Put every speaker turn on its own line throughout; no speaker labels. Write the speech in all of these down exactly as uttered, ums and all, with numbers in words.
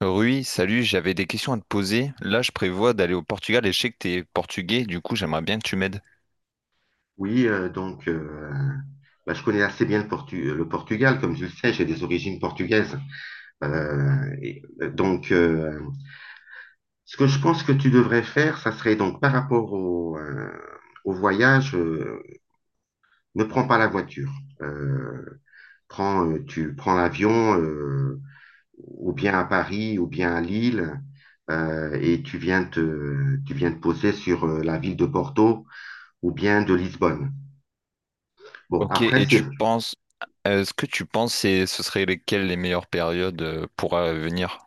Rui, salut, j'avais des questions à te poser. Là, je prévois d'aller au Portugal et je sais que t'es portugais, du coup, j'aimerais bien que tu m'aides.
Oui, euh, donc euh, bah, je connais assez bien le, Portu- le Portugal, comme tu le sais, j'ai des origines portugaises. Euh, et, euh, donc, euh, Ce que je pense que tu devrais faire, ça serait donc par rapport au, euh, au voyage, euh, ne prends pas la voiture. Euh, prends, euh, Tu prends l'avion, euh, ou bien à Paris, ou bien à Lille, euh, et tu viens te, tu viens te poser sur euh, la ville de Porto ou bien de Lisbonne. Bon,
Ok,
après,
et
c'est
tu penses, est-ce que tu penses que ce serait lesquelles les meilleures périodes euh, pour euh, venir?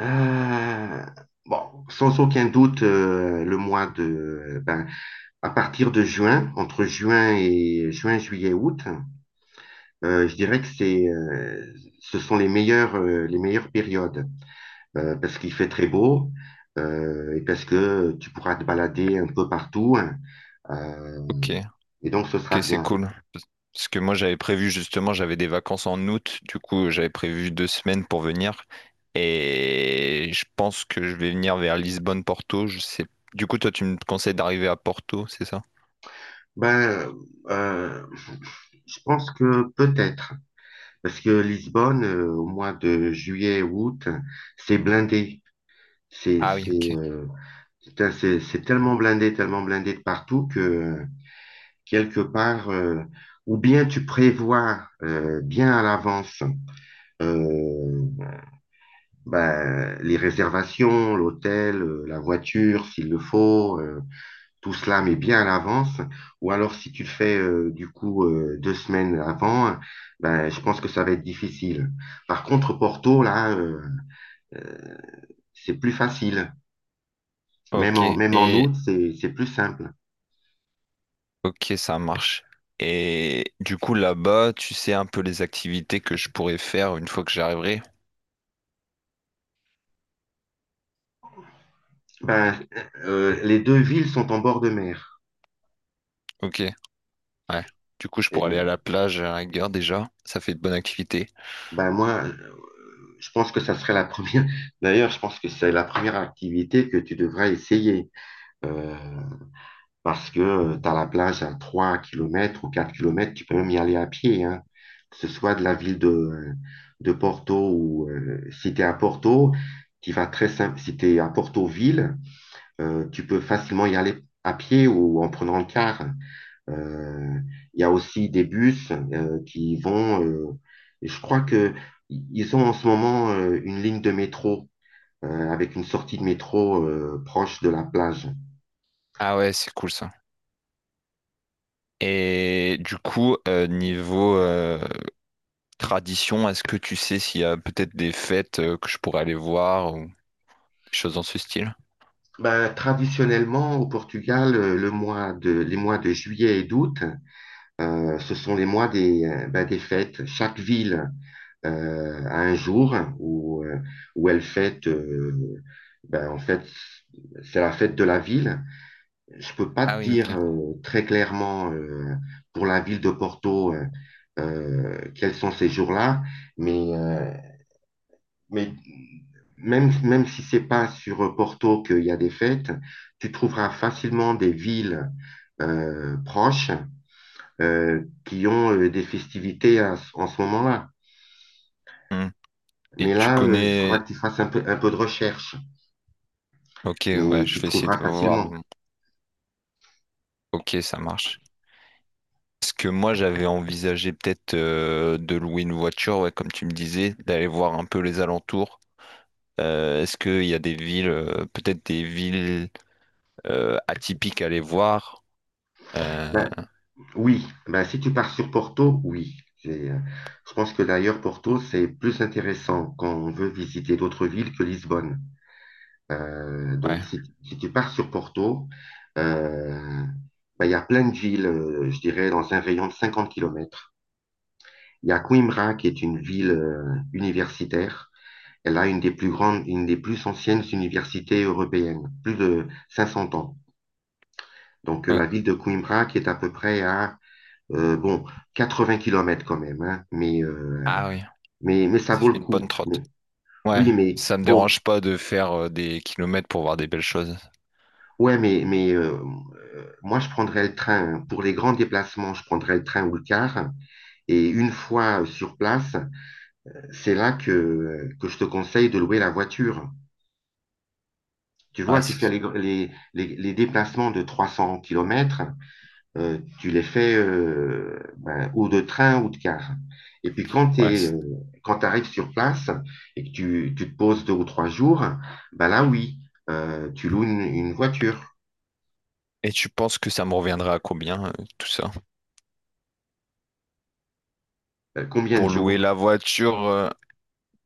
Euh, bon, sans aucun doute, euh, le mois de, ben, à partir de juin, entre juin et juin, juillet, août, euh, je dirais que c'est, euh, ce sont les meilleures, euh, les meilleures périodes, euh, parce qu'il fait très beau, euh, et parce que tu pourras te balader un peu partout, hein, euh,
Ok.
et donc ce sera
Ok, c'est
bien.
cool. Parce que moi, j'avais prévu justement, j'avais des vacances en août. Du coup, j'avais prévu deux semaines pour venir. Et je pense que je vais venir vers Lisbonne-Porto. Je sais. Du coup, toi, tu me conseilles d'arriver à Porto, c'est ça?
Ben, euh, je pense que peut-être, parce que Lisbonne, euh, au mois de juillet, août, c'est blindé. C'est
Ah oui,
c'est,
ok.
euh, putain, c'est- c'est tellement blindé, tellement blindé de partout que euh, quelque part, euh, ou bien tu prévois euh, bien à l'avance euh, ben, les réservations, l'hôtel, euh, la voiture, s'il le faut, euh, tout cela, mais bien à l'avance. Ou alors si tu le fais euh, du coup euh, deux semaines avant, ben, je pense que ça va être difficile. Par contre, Porto, là, euh, euh, c'est plus facile. Même
Ok,
en, même en août,
et
c'est c'est plus simple.
ok, ça marche. Et du coup, là-bas, tu sais un peu les activités que je pourrais faire une fois que j'arriverai.
Ben, euh, les deux villes sont en bord de mer.
Ok, ouais. Du coup, je pourrais aller à
Et
la plage à la rigueur déjà. Ça fait de bonnes activités.
ben moi, euh, je pense que ça serait la première. D'ailleurs, je pense que c'est la première activité que tu devrais essayer. Euh, Parce que tu as la plage à trois kilomètres ou quatre kilomètres. Tu peux même y aller à pied, hein. Que ce soit de la ville de, de Porto ou euh, si tu es à Porto, tu vas très simple. Si tu es à Porto-Ville, euh, tu peux facilement y aller à pied ou en prenant le car. Euh, Il y a aussi des bus euh, qui vont. Euh, et je crois que ils ont en ce moment euh, une ligne de métro euh, avec une sortie de métro euh, proche de la plage.
Ah ouais, c'est cool ça. Et du coup, euh, niveau euh, tradition, est-ce que tu sais s'il y a peut-être des fêtes euh, que je pourrais aller voir ou des choses dans ce style?
Ben, traditionnellement, au Portugal, euh, le mois de, les mois de juillet et d'août, euh, ce sont les mois des, euh, ben, des fêtes. Chaque ville euh, a un jour où, euh, où elle fête. Euh, ben, en fait, c'est la fête de la ville. Je peux pas
Ah
te
oui,
dire
ok.
euh, très clairement euh, pour la ville de Porto euh, euh, quels sont ces jours-là, mais, euh, mais même, même si c'est pas sur Porto qu'il y a des fêtes, tu trouveras facilement des villes euh, proches euh, qui ont euh, des festivités à- en ce moment-là.
Hmm. Et
Mais
tu
là, euh, il faudra
connais...
que tu fasses un peu, un peu de recherche,
Ok,
mais
ouais, je
tu
vais essayer de
trouveras
voir.
facilement.
Donc. Ok, ça marche. Parce que moi, j'avais envisagé peut-être euh, de louer une voiture, ouais, comme tu me disais, d'aller voir un peu les alentours. Euh, est-ce qu'il y a des villes, euh, peut-être des villes euh, atypiques à aller voir? Euh,
Bah, oui, bah, si tu pars sur Porto, oui. J'ai, euh, Je pense que d'ailleurs, Porto, c'est plus intéressant quand on veut visiter d'autres villes que Lisbonne. Euh,
ouais.
donc, si, si tu pars sur Porto, euh, bah, il y a plein de villes, euh, je dirais, dans un rayon de 50 kilomètres. Il y a Coimbra, qui est une ville euh, universitaire. Elle a une des plus grandes, une des plus anciennes universités européennes, plus de 500 ans. Donc, euh,
Ok.
la ville de Coimbra, qui est à peu près à Euh, bon, 80 kilomètres quand même, hein, mais, euh,
Ah oui,
mais, mais ça
ça
vaut le
fait une bonne
coup.
trotte.
Mais,
Ouais,
oui, mais
ça me
bon,
dérange pas de faire euh, des kilomètres pour voir des belles choses.
ouais, mais, mais euh, moi je prendrais le train. Pour les grands déplacements, je prendrais le train ou le car. Et une fois sur place, c'est là que, que je te conseille de louer la voiture. Tu
Ouais,
vois, tu fais
c'est-
les, les, les, les déplacements de 300 kilomètres. Euh, tu les fais euh, ben, ou de train ou de car. Et puis quand tu
ouais, c'est-
euh, quand tu arrives sur place et que tu, tu te poses deux ou trois jours, ben là oui, euh, tu loues une, une voiture.
Et tu penses que ça me reviendra à combien, euh, tout ça?
Euh, combien de
Pour louer la
jours?
voiture, euh,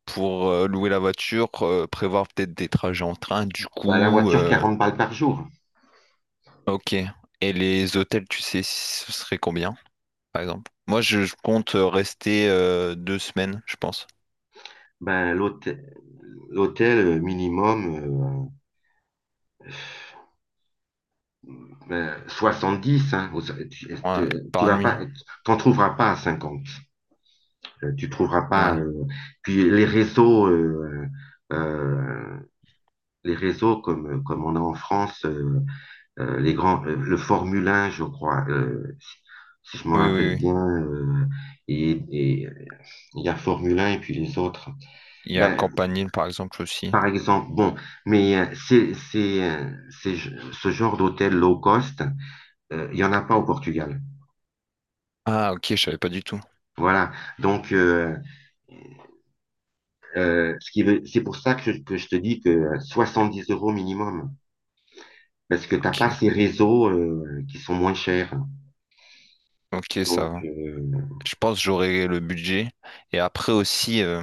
pour euh, louer la voiture, euh, prévoir peut-être des trajets en train, du
Ben, la
coup.
voiture
euh,
40 balles par jour.
Ok. Et les hôtels, tu sais, ce serait combien, par exemple? Moi, je, je compte euh, rester euh, deux semaines, je pense.
Ben, l'hôtel, l'hôtel euh, minimum euh, ben, soixante-dix hein. Au- so-, tu,
Ouais,
tu- tu
par
vas
nuit.
pas, t'en trouveras pas à cinquante. Euh, Tu trouveras pas.
Ouais.
Euh, puis les réseaux. euh, euh, les réseaux comme, euh, comme on a en France, euh, euh, les grands, euh, le Formule un, je crois, euh, si, si je me
Oui,
rappelle
oui, oui.
bien, euh, et, et, euh, il y a Formule un et puis les autres.
Il y a
Ben,
Campanile, par exemple, aussi.
par exemple, bon, mais euh, c'est, c'est, euh, c'est ce genre d'hôtel low cost, euh, il n'y en a pas au Portugal.
Ah, ok, je savais pas du tout.
Voilà. Donc, euh, euh, ce qui veut, c'est pour ça que je, que je te dis que soixante-dix euros minimum, parce que t'as pas
Ok,
ces réseaux euh, qui sont moins chers.
ok, ça
Donc,
va.
euh,
Je pense que j'aurai le budget. Et après aussi, euh,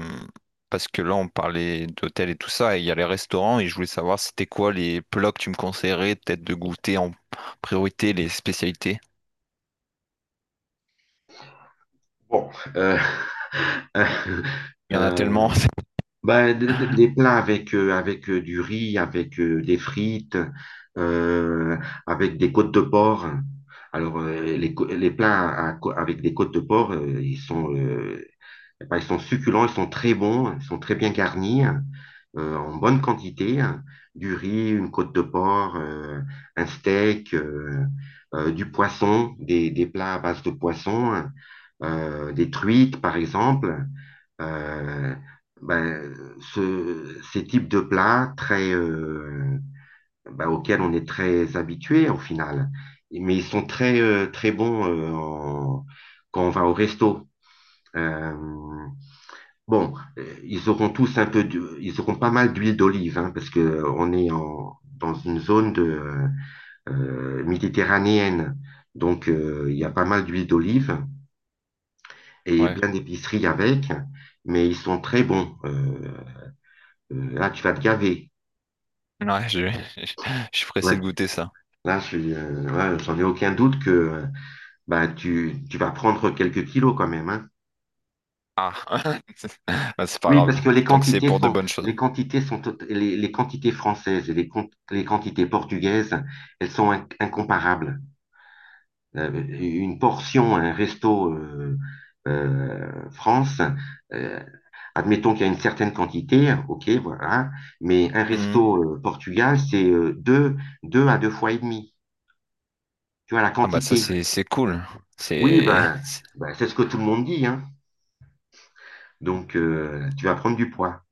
parce que là, on parlait d'hôtel et tout ça, et il y a les restaurants, et je voulais savoir c'était quoi les plats que tu me conseillerais, peut-être de goûter en priorité les spécialités.
Bon, euh,
Il y en a
euh,
tellement.
ben, des, des plats avec, euh, avec euh, du riz, avec euh, des frites, euh, avec des côtes de porc. Alors, euh, les, co- les plats à co- avec des côtes de porc, euh, ils sont, euh, ben, ils sont succulents, ils sont très bons, ils sont très bien garnis, euh, en bonne quantité. Du riz, une côte de porc, euh, un steak, euh, euh, du poisson, des, des plats à base de poisson, euh, des truites, par exemple euh, ben, ce, ces types de plats très, euh, ben, auxquels on est très habitué au final. Mais ils sont très, euh, très bons euh, en- quand on va au resto. Euh, bon, euh, ils auront tous un peu, d'hu- ils auront pas mal d'huile d'olive, hein, parce que euh, on est en, dans une zone de, euh, euh, méditerranéenne. Donc, euh, il y a pas mal d'huile d'olive et
Ouais,
plein d'épiceries avec, mais ils sont très bons. Euh, euh, ah, tu vas te gaver.
ouais, je, je suis
Ouais.
pressé de goûter ça.
Là, je euh, Ouais, j'en ai aucun doute que euh, bah, tu, tu vas prendre quelques kilos quand même, hein.
Ah, bah, c'est pas
Oui, parce
grave.
que les
Tant que c'est
quantités
pour de
sont,
bonnes choses.
les quantités sont, tot- les, les quantités françaises et les, con- les quantités portugaises, elles sont in- incomparables. Euh, une portion, un resto euh, euh, France, euh, admettons qu'il y a une certaine quantité, ok, voilà, mais un
Mhm.
resto euh, Portugal, c'est euh, deux, deux à deux fois et demi. Tu vois, la
Ah bah ça
quantité.
c'est c'est cool.
Oui,
C'est
ben, ben, c'est ce que tout le monde dit, hein. Donc, euh, tu vas prendre du poids.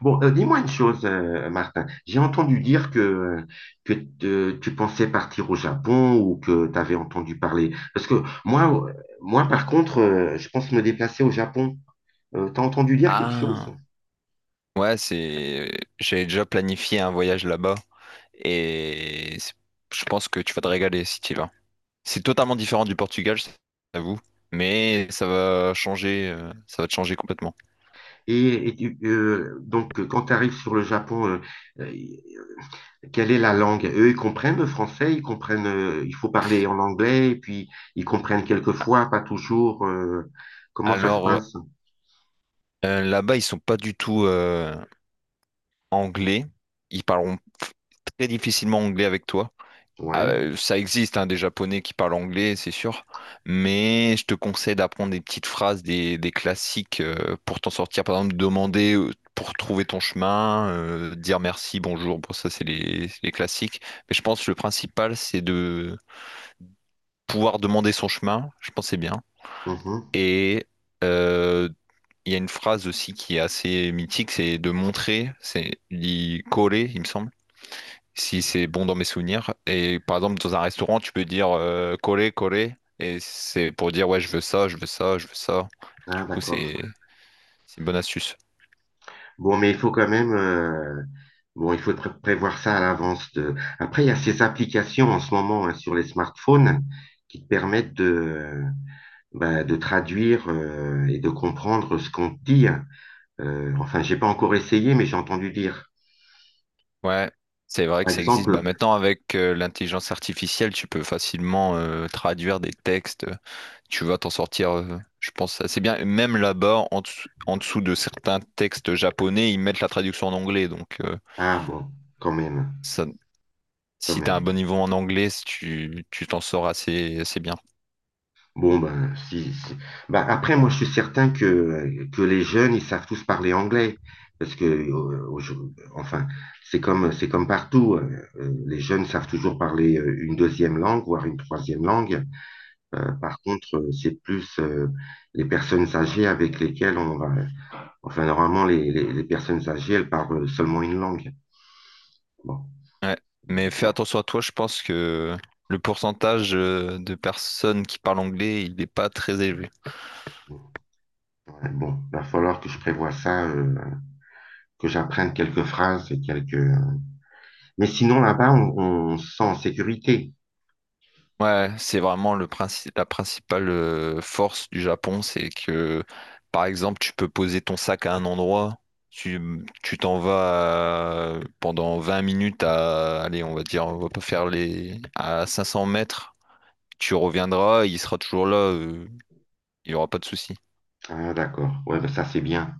Bon, euh, dis-moi une chose, euh, Martin. J'ai entendu dire que, que te- tu pensais partir au Japon ou que tu avais entendu parler. Parce que moi, euh, moi par contre, euh, je pense me déplacer au Japon. Euh, t'as entendu dire quelque chose?
Ah, ouais, c'est. J'ai déjà planifié un voyage là-bas et c'est- je pense que tu vas te régaler si tu y vas. C'est totalement différent du Portugal, je t'avoue, mais ça va changer, euh, ça va te changer complètement.
Et, et tu- euh, donc, quand tu arrives sur le Japon, euh, quelle est la langue? Eux, ils comprennent le français, ils comprennent, euh, il faut parler en anglais, et puis ils comprennent quelquefois, pas toujours, euh, comment ça se
Alors
passe.
euh, là-bas, ils sont pas du tout euh, anglais. Ils parleront très difficilement anglais avec toi. Ah,
Ouais.
Euh, ça existe hein, des Japonais qui parlent anglais, c'est sûr, mais je te conseille d'apprendre des petites phrases, des, des classiques euh, pour t'en sortir. Par exemple, demander euh, pour trouver ton chemin, euh, dire merci, bonjour. Bon, ça, c'est les, c'est les classiques. Mais je pense que le principal, c'est de pouvoir demander son chemin. Je pense que c'est bien.
Mhm.
Et euh, il y a une phrase aussi qui est assez mythique, c'est de montrer, c'est dit coller, il me semble si c'est bon dans mes souvenirs. Et par exemple, dans un restaurant, tu peux dire euh, coller, coller, et c'est pour dire ouais, je veux ça, je veux ça, je veux ça. Du
Ah,
coup,
d'accord.
c'est c'est une bonne astuce.
Bon, mais il faut quand même, euh, bon, il faut pré- prévoir ça à l'avance. De... Après, il y a ces applications en ce moment, hein, sur les smartphones qui te permettent de, euh, bah, de traduire euh, et de comprendre ce qu'on te dit. hein. Euh, enfin, j'ai pas encore essayé, mais j'ai entendu dire.
Ouais, c'est vrai
Par
que ça existe.
exemple,
Bah, maintenant, avec euh, l'intelligence artificielle, tu peux facilement euh, traduire des textes. Tu vas t'en sortir, euh, je pense, assez bien. Même là-bas, en dessous, en dessous de certains textes japonais, ils mettent la traduction en anglais. Donc, euh,
ah bon, quand même,
ça,
quand
si tu as un
même.
bon niveau en anglais, tu tu t'en sors assez, assez bien.
Bon, ben, si, si. Ben, après, moi, je suis certain que, que les jeunes, ils savent tous parler anglais. Parce que, euh, aujourd'hui- enfin, c'est comme, c'est comme partout. Euh, euh, les jeunes savent toujours parler euh, une deuxième langue, voire une troisième langue. Euh, par contre, euh, c'est plus euh, les personnes âgées avec lesquelles on va. Enfin, normalement, les, les, les personnes âgées, elles parlent euh, seulement une langue. Bon.
Ouais. Mais fais attention à toi, je pense que le pourcentage euh, de personnes qui parlent anglais, il n'est pas très élevé.
Ouais, bon, va falloir que je prévoie ça, euh, que j'apprenne quelques phrases et quelques. Mais sinon, là-bas, on, on se sent en sécurité.
Ouais, c'est vraiment le princi- la principale euh, force du Japon, c'est que, par exemple, tu peux poser ton sac à un endroit, tu tu t'en vas euh, pendant vingt minutes à, allez, on va dire, on va pas faire les, à cinq cents mètres, tu reviendras, il sera toujours là, euh, il n'y aura pas de souci.
Ah, d'accord. Ouais, bah, ça, c'est bien.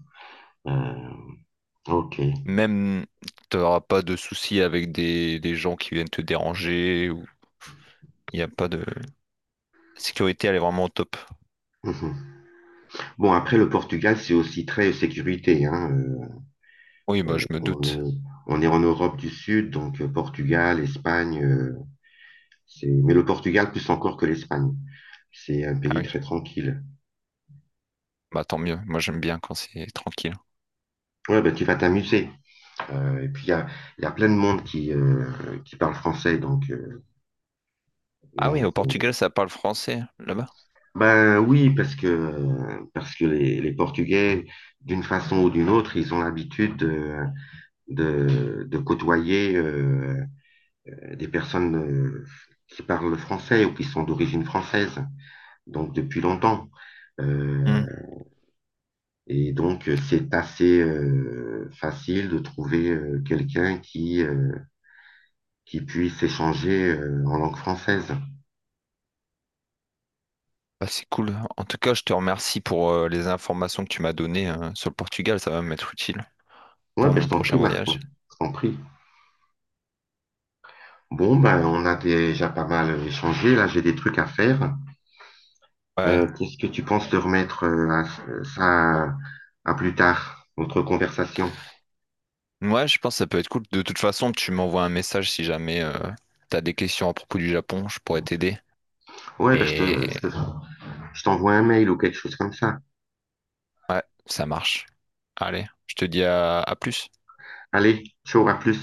Euh, ok.
Même, t'auras pas de soucis avec des, des gens qui viennent te déranger ou il n'y a pas de... La sécurité, elle est vraiment au top.
Mhm. Bon, après, le Portugal, c'est aussi très sécurité, hein. Euh,
Oui, bah je me
on
doute.
est, on est en Europe du Sud, donc euh, Portugal, Espagne, euh, c'est... Mais le Portugal, plus encore que l'Espagne. C'est un
Ah
pays
oui,
très tranquille.
bah tant mieux. Moi, j'aime bien quand c'est tranquille.
Ouais, ben, tu vas t'amuser. Euh, et puis, il y a, il y a plein de monde qui, euh, qui parle français, donc, euh,
Ah oui,
donc
au Portugal,
euh,
ça parle français, là-bas?
Ben oui, parce que, parce que les, les Portugais, d'une façon ou d'une autre, ils ont l'habitude de, de, de côtoyer euh, des personnes euh, qui parlent français ou qui sont d'origine française, donc depuis longtemps.
Hmm.
Euh, et donc, c'est assez euh, facile de trouver euh, quelqu'un qui, euh, qui puisse échanger euh, en langue française.
Bah, c'est cool. En tout cas, je te remercie pour euh, les informations que tu m'as données euh, sur le Portugal. Ça va m'être utile
Ouais,
pour
ben
mon
je t'en
prochain
prie,
voyage.
Martin, je t'en prie. Bon, ben, on a déjà pas mal échangé. Là, j'ai des trucs à faire.
Ouais.
Euh, qu'est-ce que tu penses de remettre euh, à- ça à plus tard, notre conversation?
Ouais, je pense que ça peut être cool. De toute façon, tu m'envoies un message si jamais euh, t'as des questions à propos du Japon. Je pourrais t'aider.
Ouais, ben, je te,
Et
je te- je t'envoie un mail ou quelque chose comme ça.
ouais, ça marche. Allez, je te dis à à plus.
Allez, ciao, à plus.